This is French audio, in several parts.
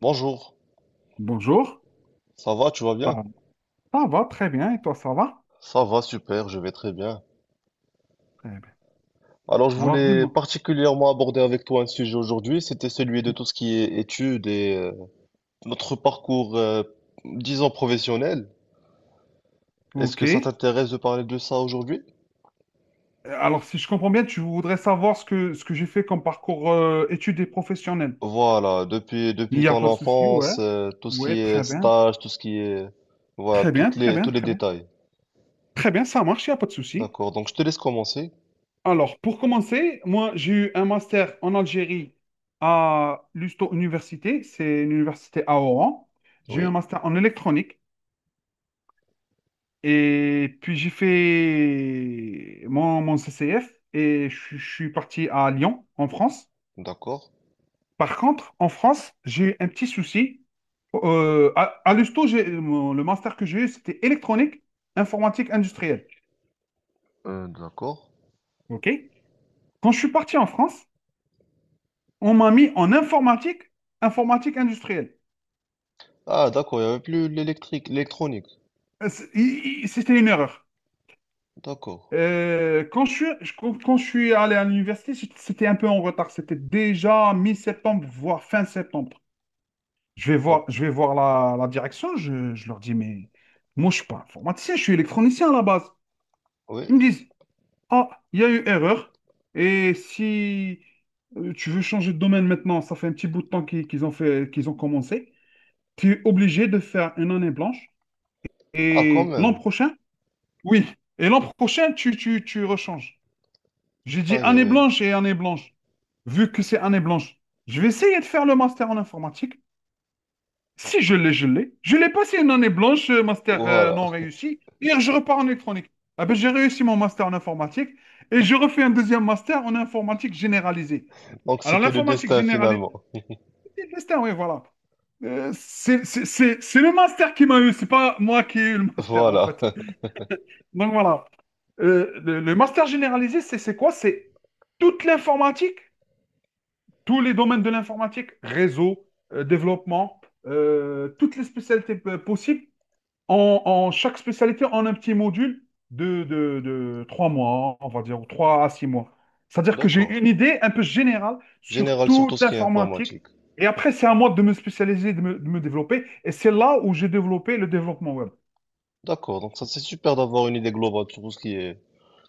Bonjour, Bonjour, ça va, tu vas ça, bien? ça va très bien et toi ça va? Ça va, super, je vais très bien. Très bien. Alors, je Alors voulais dis-moi. particulièrement aborder avec toi un sujet aujourd'hui, c'était celui de tout ce qui est études et notre parcours, disons, professionnel. Est-ce Ok. que ça t'intéresse de parler de ça aujourd'hui? Alors si je comprends bien, tu voudrais savoir ce que j'ai fait comme parcours études et professionnelles. Voilà, depuis, Il depuis n'y a ton pas de souci, ouais. enfance, tout ce Ouais, qui très est bien. stage, tout ce qui est... Voilà, Très bien, très bien, tous les très bien. détails. Très bien, ça marche, il n'y a pas de souci. D'accord, donc je te laisse commencer. Alors pour commencer, moi j'ai eu un master en Algérie à l'Usto Université, c'est une université à Oran. J'ai eu un Oui, master en électronique. Et puis j'ai fait mon CCF et je suis parti à Lyon, en France. d'accord. Par contre, en France, j'ai eu un petit souci. À l'USTO, le master que j'ai eu, c'était électronique, informatique industrielle. D'accord. OK? Quand je suis parti en France, on m'a mis en informatique, informatique industrielle. Ah, d'accord, il n'y avait plus l'électrique, l'électronique. C'était une erreur. D'accord. Quand je suis allé à l'université, c'était un peu en retard. C'était déjà mi-septembre, voire fin septembre. Je vais Donc, voir, je vais voir la direction, je leur dis, mais moi, je ne suis pas informaticien, je suis électronicien à la base. oui. Ils me disent, ah, il y a eu erreur, et si tu veux changer de domaine maintenant, ça fait un petit bout de temps qu'ils ont fait, qu'ils ont commencé, tu es obligé de faire une année blanche, Ah, quand et l'an même. prochain, oui, et l'an prochain, tu rechanges. J'ai dit Aïe, aïe, année aïe. blanche et année blanche, vu que c'est année blanche. Je vais essayer de faire le master en informatique. Si je l'ai, je l'ai. Je l'ai passé une année blanche, master Voilà. non réussi. Hier, je repars en électronique. Ah ben, j'ai réussi mon master en informatique et je refais un deuxième master en informatique généralisée. Donc, Alors, c'était le l'informatique destin généralisée, finalement. oui, voilà. C'est le master qui m'a eu, c'est pas moi qui ai eu le master, en Voilà. fait. Donc, voilà. Le master généralisé, c'est quoi? C'est toute l'informatique, tous les domaines de l'informatique, réseau, développement, toutes les spécialités possibles. En chaque spécialité, on a un petit module de 3 mois, on va dire, ou 3 à 6 mois. C'est-à-dire que j'ai D'accord. une idée un peu générale sur Général sur toute tout ce qui est l'informatique. informatique. Et après, c'est à moi de me spécialiser, de me développer. Et c'est là où j'ai développé le développement web. D'accord. Donc, ça, c'est super d'avoir une idée globale sur tout ce qui est,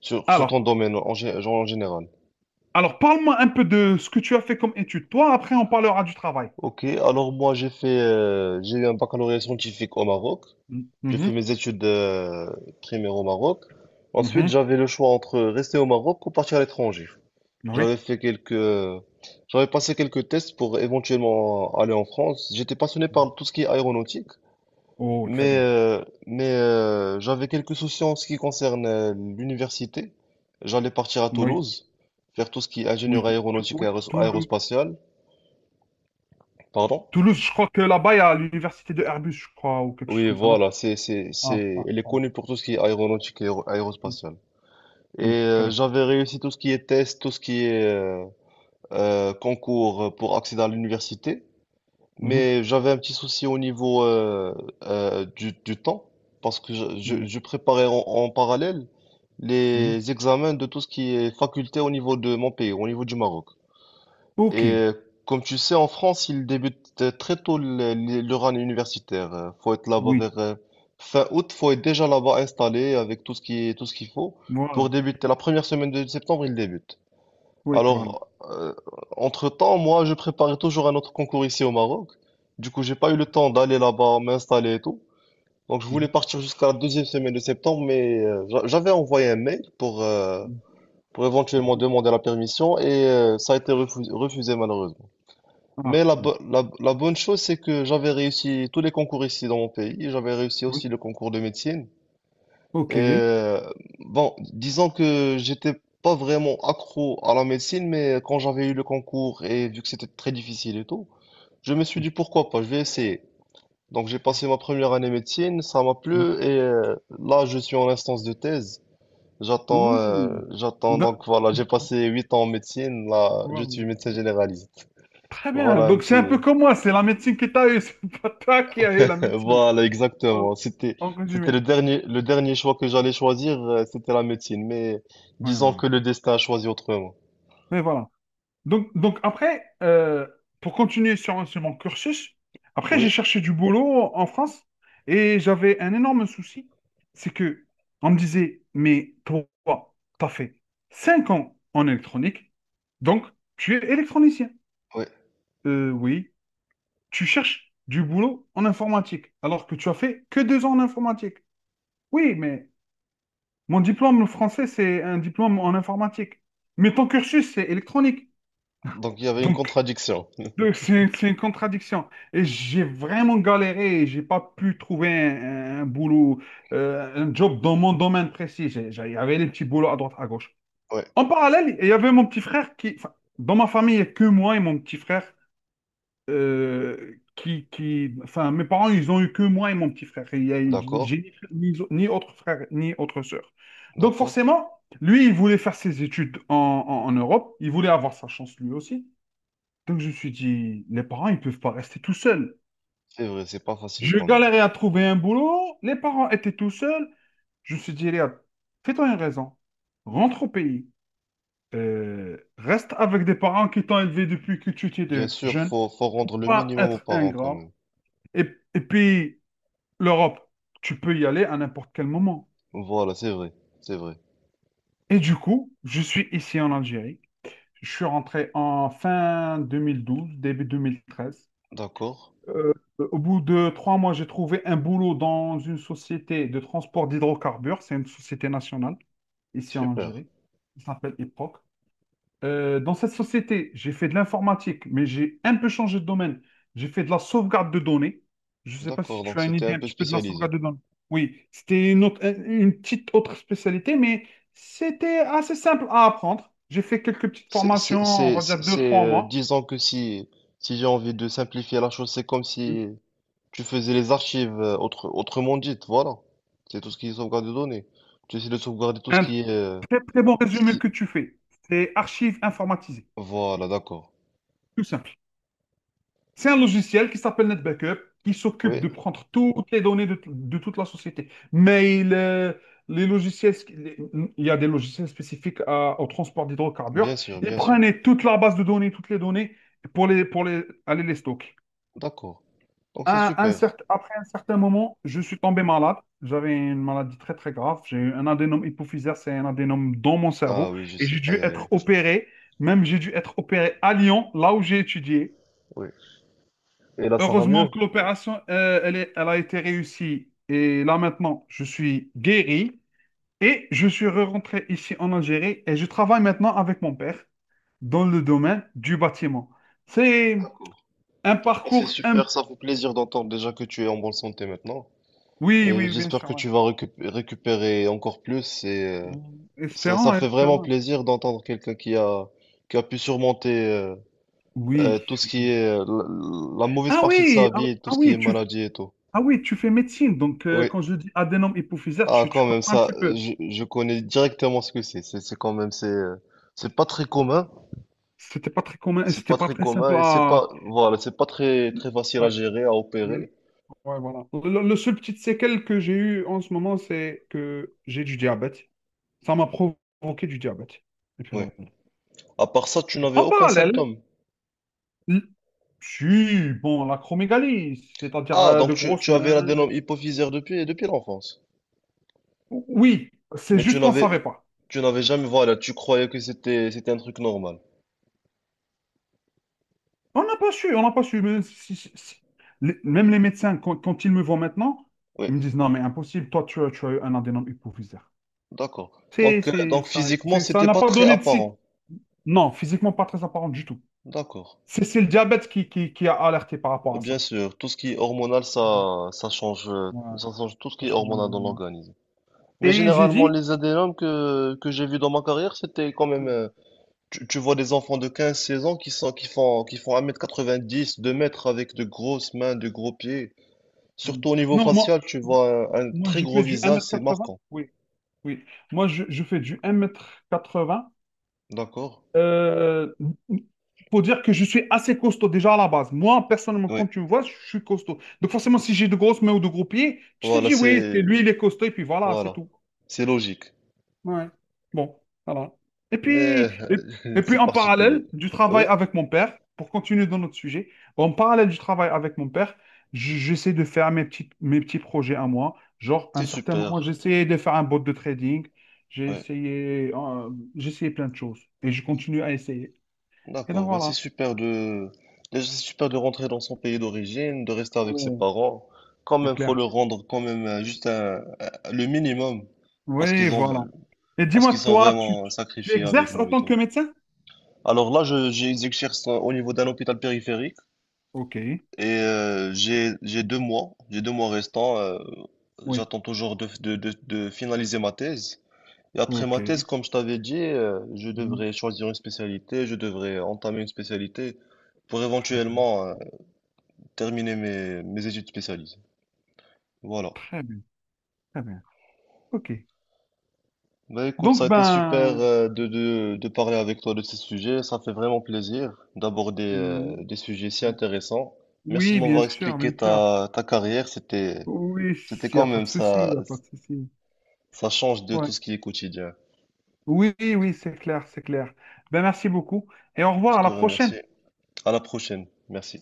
sur Alors, ton domaine genre en général. alors parle-moi un peu de ce que tu as fait comme étude. Toi, après, on parlera du travail. Ok. Alors, moi, j'ai eu un baccalauréat scientifique au Maroc. J'ai fait Mhm, mes études primaires au Maroc. Ensuite, mhm, j'avais le choix entre rester au Maroc ou partir à l'étranger. oui. J'avais fait quelques, J'avais passé quelques tests pour éventuellement aller en France. J'étais passionné par tout ce qui est aéronautique, Oh, très mais bien. euh, mais euh, j'avais quelques soucis en ce qui concerne l'université. J'allais partir à Oui, Toulouse, faire tout ce qui est oui. ingénieur aéronautique et Oui, Toulouse. aérospatiale, pardon. Toulouse, je crois que là-bas, il y a l'université de Airbus, je crois, ou quelque chose Oui, comme ça, non? voilà, Ah, ah, elle est voilà. connue pour tout ce qui est aéronautique et Mm. aérospatiale. Oui, très bien. J'avais réussi tout ce qui est tests, tout ce qui est concours pour accéder à l'université. Mhm, Mais j'avais un petit souci au niveau du temps, parce que mhm, je préparais en parallèle mhm. les examens de tout ce qui est faculté au niveau de mon pays, au niveau du Maroc. Et Ok, euh, Comme tu sais, en France, il débute très tôt leur année universitaire. Faut être là-bas oui, vers fin août, faut être déjà là-bas installé avec tout ce qui est, tout ce qu'il faut pour voilà. débuter. La première semaine de septembre, il débute. Oui, voilà. Alors, entre-temps, moi, je préparais toujours un autre concours ici au Maroc. Du coup, j'ai pas eu le temps d'aller là-bas, m'installer et tout. Donc, je voulais Mhm, partir jusqu'à la deuxième semaine de septembre, mais j'avais envoyé un mail mhm, pour éventuellement mhm. demander la permission et ça a été refusé malheureusement. Mais Ah, la, bon. bo- la, la bonne chose, c'est que j'avais réussi tous les concours ici dans mon pays. J'avais réussi Oui, aussi le concours de médecine. ok. Oui, Euh, bon, disons que j'étais pas vraiment accro à la médecine, mais quand j'avais eu le concours et vu que c'était très difficile et tout, je me suis dit pourquoi pas, je vais essayer. Donc j'ai passé ma première année médecine, ça m'a oui. plu et là je suis en instance de thèse. Oui. J'attends Da- donc voilà, j'ai passé 8 ans en médecine, là je voilà. suis médecin généraliste. Très bien. Voilà un Donc, c'est un peu petit, comme moi, c'est la médecine que tu as eue, c'est pas toi qui as eu la médecine. voilà, En, exactement. C'était, en c'était résumé. le dernier choix que j'allais choisir, c'était la médecine. Mais Oui, disons voilà. que le destin a choisi autrement. Mais voilà. Donc après, pour continuer sur mon cursus, après j'ai Oui, cherché du boulot en France et j'avais un énorme souci, c'est que on me disait, mais toi, t'as fait 5 ans en électronique, donc tu es électronicien. oui. Oui, tu cherches du boulot en informatique, alors que tu as fait que 2 ans en informatique. Oui, mais mon diplôme français, c'est un diplôme en informatique. Mais ton cursus, c'est électronique. Donc il y avait une Donc, contradiction. Donc, c'est une contradiction. Et j'ai vraiment galéré. Et j'ai pas pu trouver un boulot, un job dans mon domaine précis. Il y avait les petits boulots à droite, à gauche. Oui, En parallèle, il y avait mon petit frère qui, enfin, dans ma famille, il y a que moi et mon petit frère. Enfin, mes parents, ils ont eu que moi et mon petit frère. D'accord, J'ai ni autre frère, ni autre sœur. Donc d'accord. forcément, lui, il voulait faire ses études en Europe. Il voulait avoir sa chance lui aussi. Donc je me suis dit, les parents, ils peuvent pas rester tout seuls. C'est vrai, c'est pas facile Je quand même. galérais à trouver un boulot, les parents étaient tout seuls. Je me suis dit, Léa, fais-toi une raison. Rentre au pays. Reste avec des parents qui t'ont élevé depuis que tu étais Bien sûr, jeune. faut rendre le Pas minimum aux être parents quand ingrat. même. Et, et puis, l'Europe, tu peux y aller à n'importe quel moment. Voilà, c'est vrai, c'est vrai. Et du coup, je suis ici en Algérie. Je suis rentré en fin 2012, début 2013. D'accord, Euh, au bout de 3 mois, j'ai trouvé un boulot dans une société de transport d'hydrocarbures. C'est une société nationale ici en super. Algérie. Il s'appelle IPROC. Dans cette société, j'ai fait de l'informatique, mais j'ai un peu changé de domaine. J'ai fait de la sauvegarde de données. Je ne sais pas si D'accord, tu donc as une c'était un idée un peu petit peu de la spécialisé. sauvegarde de données. Oui, c'était une petite autre spécialité, mais c'était assez simple à apprendre. J'ai fait quelques petites C'est, formations, c'est, on c'est, va dire c'est, deux, c'est, trois euh, mois. disons que si j'ai envie de simplifier la chose, c'est comme si tu faisais les archives, autrement dites, voilà. C'est tout ce qui est sauvegarde de données. Tu essaies de sauvegarder tout ce Un qui est... Très, très bon résumé si- que tu fais. C'est archives informatisées, Voilà, d'accord. tout simple. C'est un logiciel qui s'appelle NetBackup, qui s'occupe Oui, de prendre toutes les données de toute la société. Mail, les logiciels, il y a des logiciels spécifiques au transport d'hydrocarbures. bien sûr, Ils bien sûr. prenaient toute la base de données, toutes les données, aller les stocker. D'accord. Donc c'est super. Après un certain moment, je suis tombé malade. J'avais une maladie très très grave. J'ai eu un adénome hypophysaire, c'est un adénome dans mon Ah cerveau. oui, je Et sais. j'ai dû Aïe, aïe, être aïe. opéré. Même j'ai dû être opéré à Lyon, là où j'ai étudié. Oui. Et là, ça va Heureusement mieux? que l'opération, elle a été réussie. Et là maintenant, je suis guéri. Et je suis rentré ici en Algérie. Et je travaille maintenant avec mon père dans le domaine du bâtiment. C'est un Ah, c'est parcours. super, ça fait plaisir d'entendre déjà que tu es en bonne santé maintenant. Oui, Et oui, bien j'espère sûr. que Ouais. tu vas récupérer encore plus. Ça Espérons, fait vraiment espérons. plaisir d'entendre quelqu'un qui a pu surmonter... Oui. tout ce qui est la mauvaise Ah partie de sa oui, ah, vie, tout ah ce qui est oui, tu, f- maladie et tout. ah oui, tu fais médecine. Donc, Oui. quand je dis adénome hypophysaire, Ah, tu quand même, comprends un ça, petit peu. je connais directement ce que c'est. C'est quand même, c'est pas très commun. C'était pas très commun, et C'est c'était pas pas très très simple commun et c'est à. pas, voilà, c'est pas très, très facile à Ouais, gérer, à ouais, opérer. ouais, voilà. Le seul petit séquelle que j'ai eu en ce moment, c'est que j'ai du diabète. Ça m'a provoqué du diabète. Et puis, Oui. voilà. À part ça, tu n'avais En aucun parallèle, symptôme. l- si, bon, l'acromégalie, c'est-à-dire Ah, de donc tu, grosses tu avais mains. l'adénome hypophysaire depuis l'enfance. Oui, c'est Mais tu juste qu'on ne n'avais, savait pas. tu n'avais jamais, voilà, tu croyais que c'était un truc normal. On n'a pas su, on n'a pas su. Mais même les médecins, quand ils me voient maintenant, Oui, ils me disent, non, mais impossible, toi, tu as eu un adénome hypophysaire. d'accord. Donc, euh, donc physiquement, Ça c'était n'a pas pas très donné de signe. apparent. Non, physiquement, pas très apparent du tout. D'accord. C'est le diabète qui a alerté par rapport Oui, à ça. bien sûr, tout ce qui est hormonal, Ouais, ouais, ça change tout ce ça qui est change hormonal dans énormément. l'organisme. Mais Et j'ai généralement, dit. les adénomes que j'ai vus dans ma carrière, c'était quand même, Mm, tu vois des enfants de 15, 16 ans qui font 1,90 m, 2 mètres avec de grosses mains, de gros pieds. mm. Surtout au niveau Non, moi, facial, tu vois un moi, très je gros fais du visage, c'est 1,80 m. marquant. Oui, oui. Moi, je fais du 1,80 m. D'accord? Euh, pour dire que je suis assez costaud déjà à la base. Moi, personnellement, Oui. quand tu me vois, je suis costaud. Donc forcément, si j'ai de grosses mains ou de gros pieds, tu te Voilà, dis, oui, c'est lui, il est costaud, et puis voilà, c'est voilà. tout. C'est logique. Ouais. Bon, voilà. Et Mais puis, et, et puis c'est en particulier. parallèle du Oui, travail avec mon père, pour continuer dans notre sujet, en parallèle du travail avec mon père, j'essaie de faire mes petits projets à moi. Genre, à un c'est certain moment, j'ai super. essayé de faire un bot de trading. J'ai Oui. essayé, euh, j'ai essayé plein de choses. Et je continue à essayer. Et donc D'accord, bah, voilà, c'est super de rentrer dans son pays d'origine, de rester avec ses ouais, parents. Quand c'est même, faut clair. leur rendre quand même juste le minimum parce Oui, qu'ils ont voilà. Et parce dis-moi, qu'ils sont toi, tu, vraiment tu sacrifiés avec exerces en nous et tant que tout. médecin? Alors là, j'exerce au niveau d'un hôpital périphérique Ok, et j'ai 2 mois restants. euh, oui, j'attends toujours de finaliser ma thèse. Et après ok. ma thèse, comme je t'avais dit, je Mhm. devrais choisir une spécialité, je devrais entamer une spécialité pour Très bien, éventuellement terminer mes études spécialisées. Voilà. très bien, très bien. Ok. Bah écoute, ça a Donc, été super ben, de parler avec toi de ces sujets. Ça fait vraiment plaisir d'aborder oui, des sujets si intéressants. Merci de oui, bien m'avoir sûr, expliqué bien sûr. ta carrière. C'était, Oui, c'était il n'y quand a pas même de souci, il ça, n'y a pas de souci. ça change de Ouais. tout ce qui est quotidien. Oui, oui, c'est clair, c'est clair. Ben, merci beaucoup et au Je revoir, à te la prochaine. remercie. À la prochaine. Merci.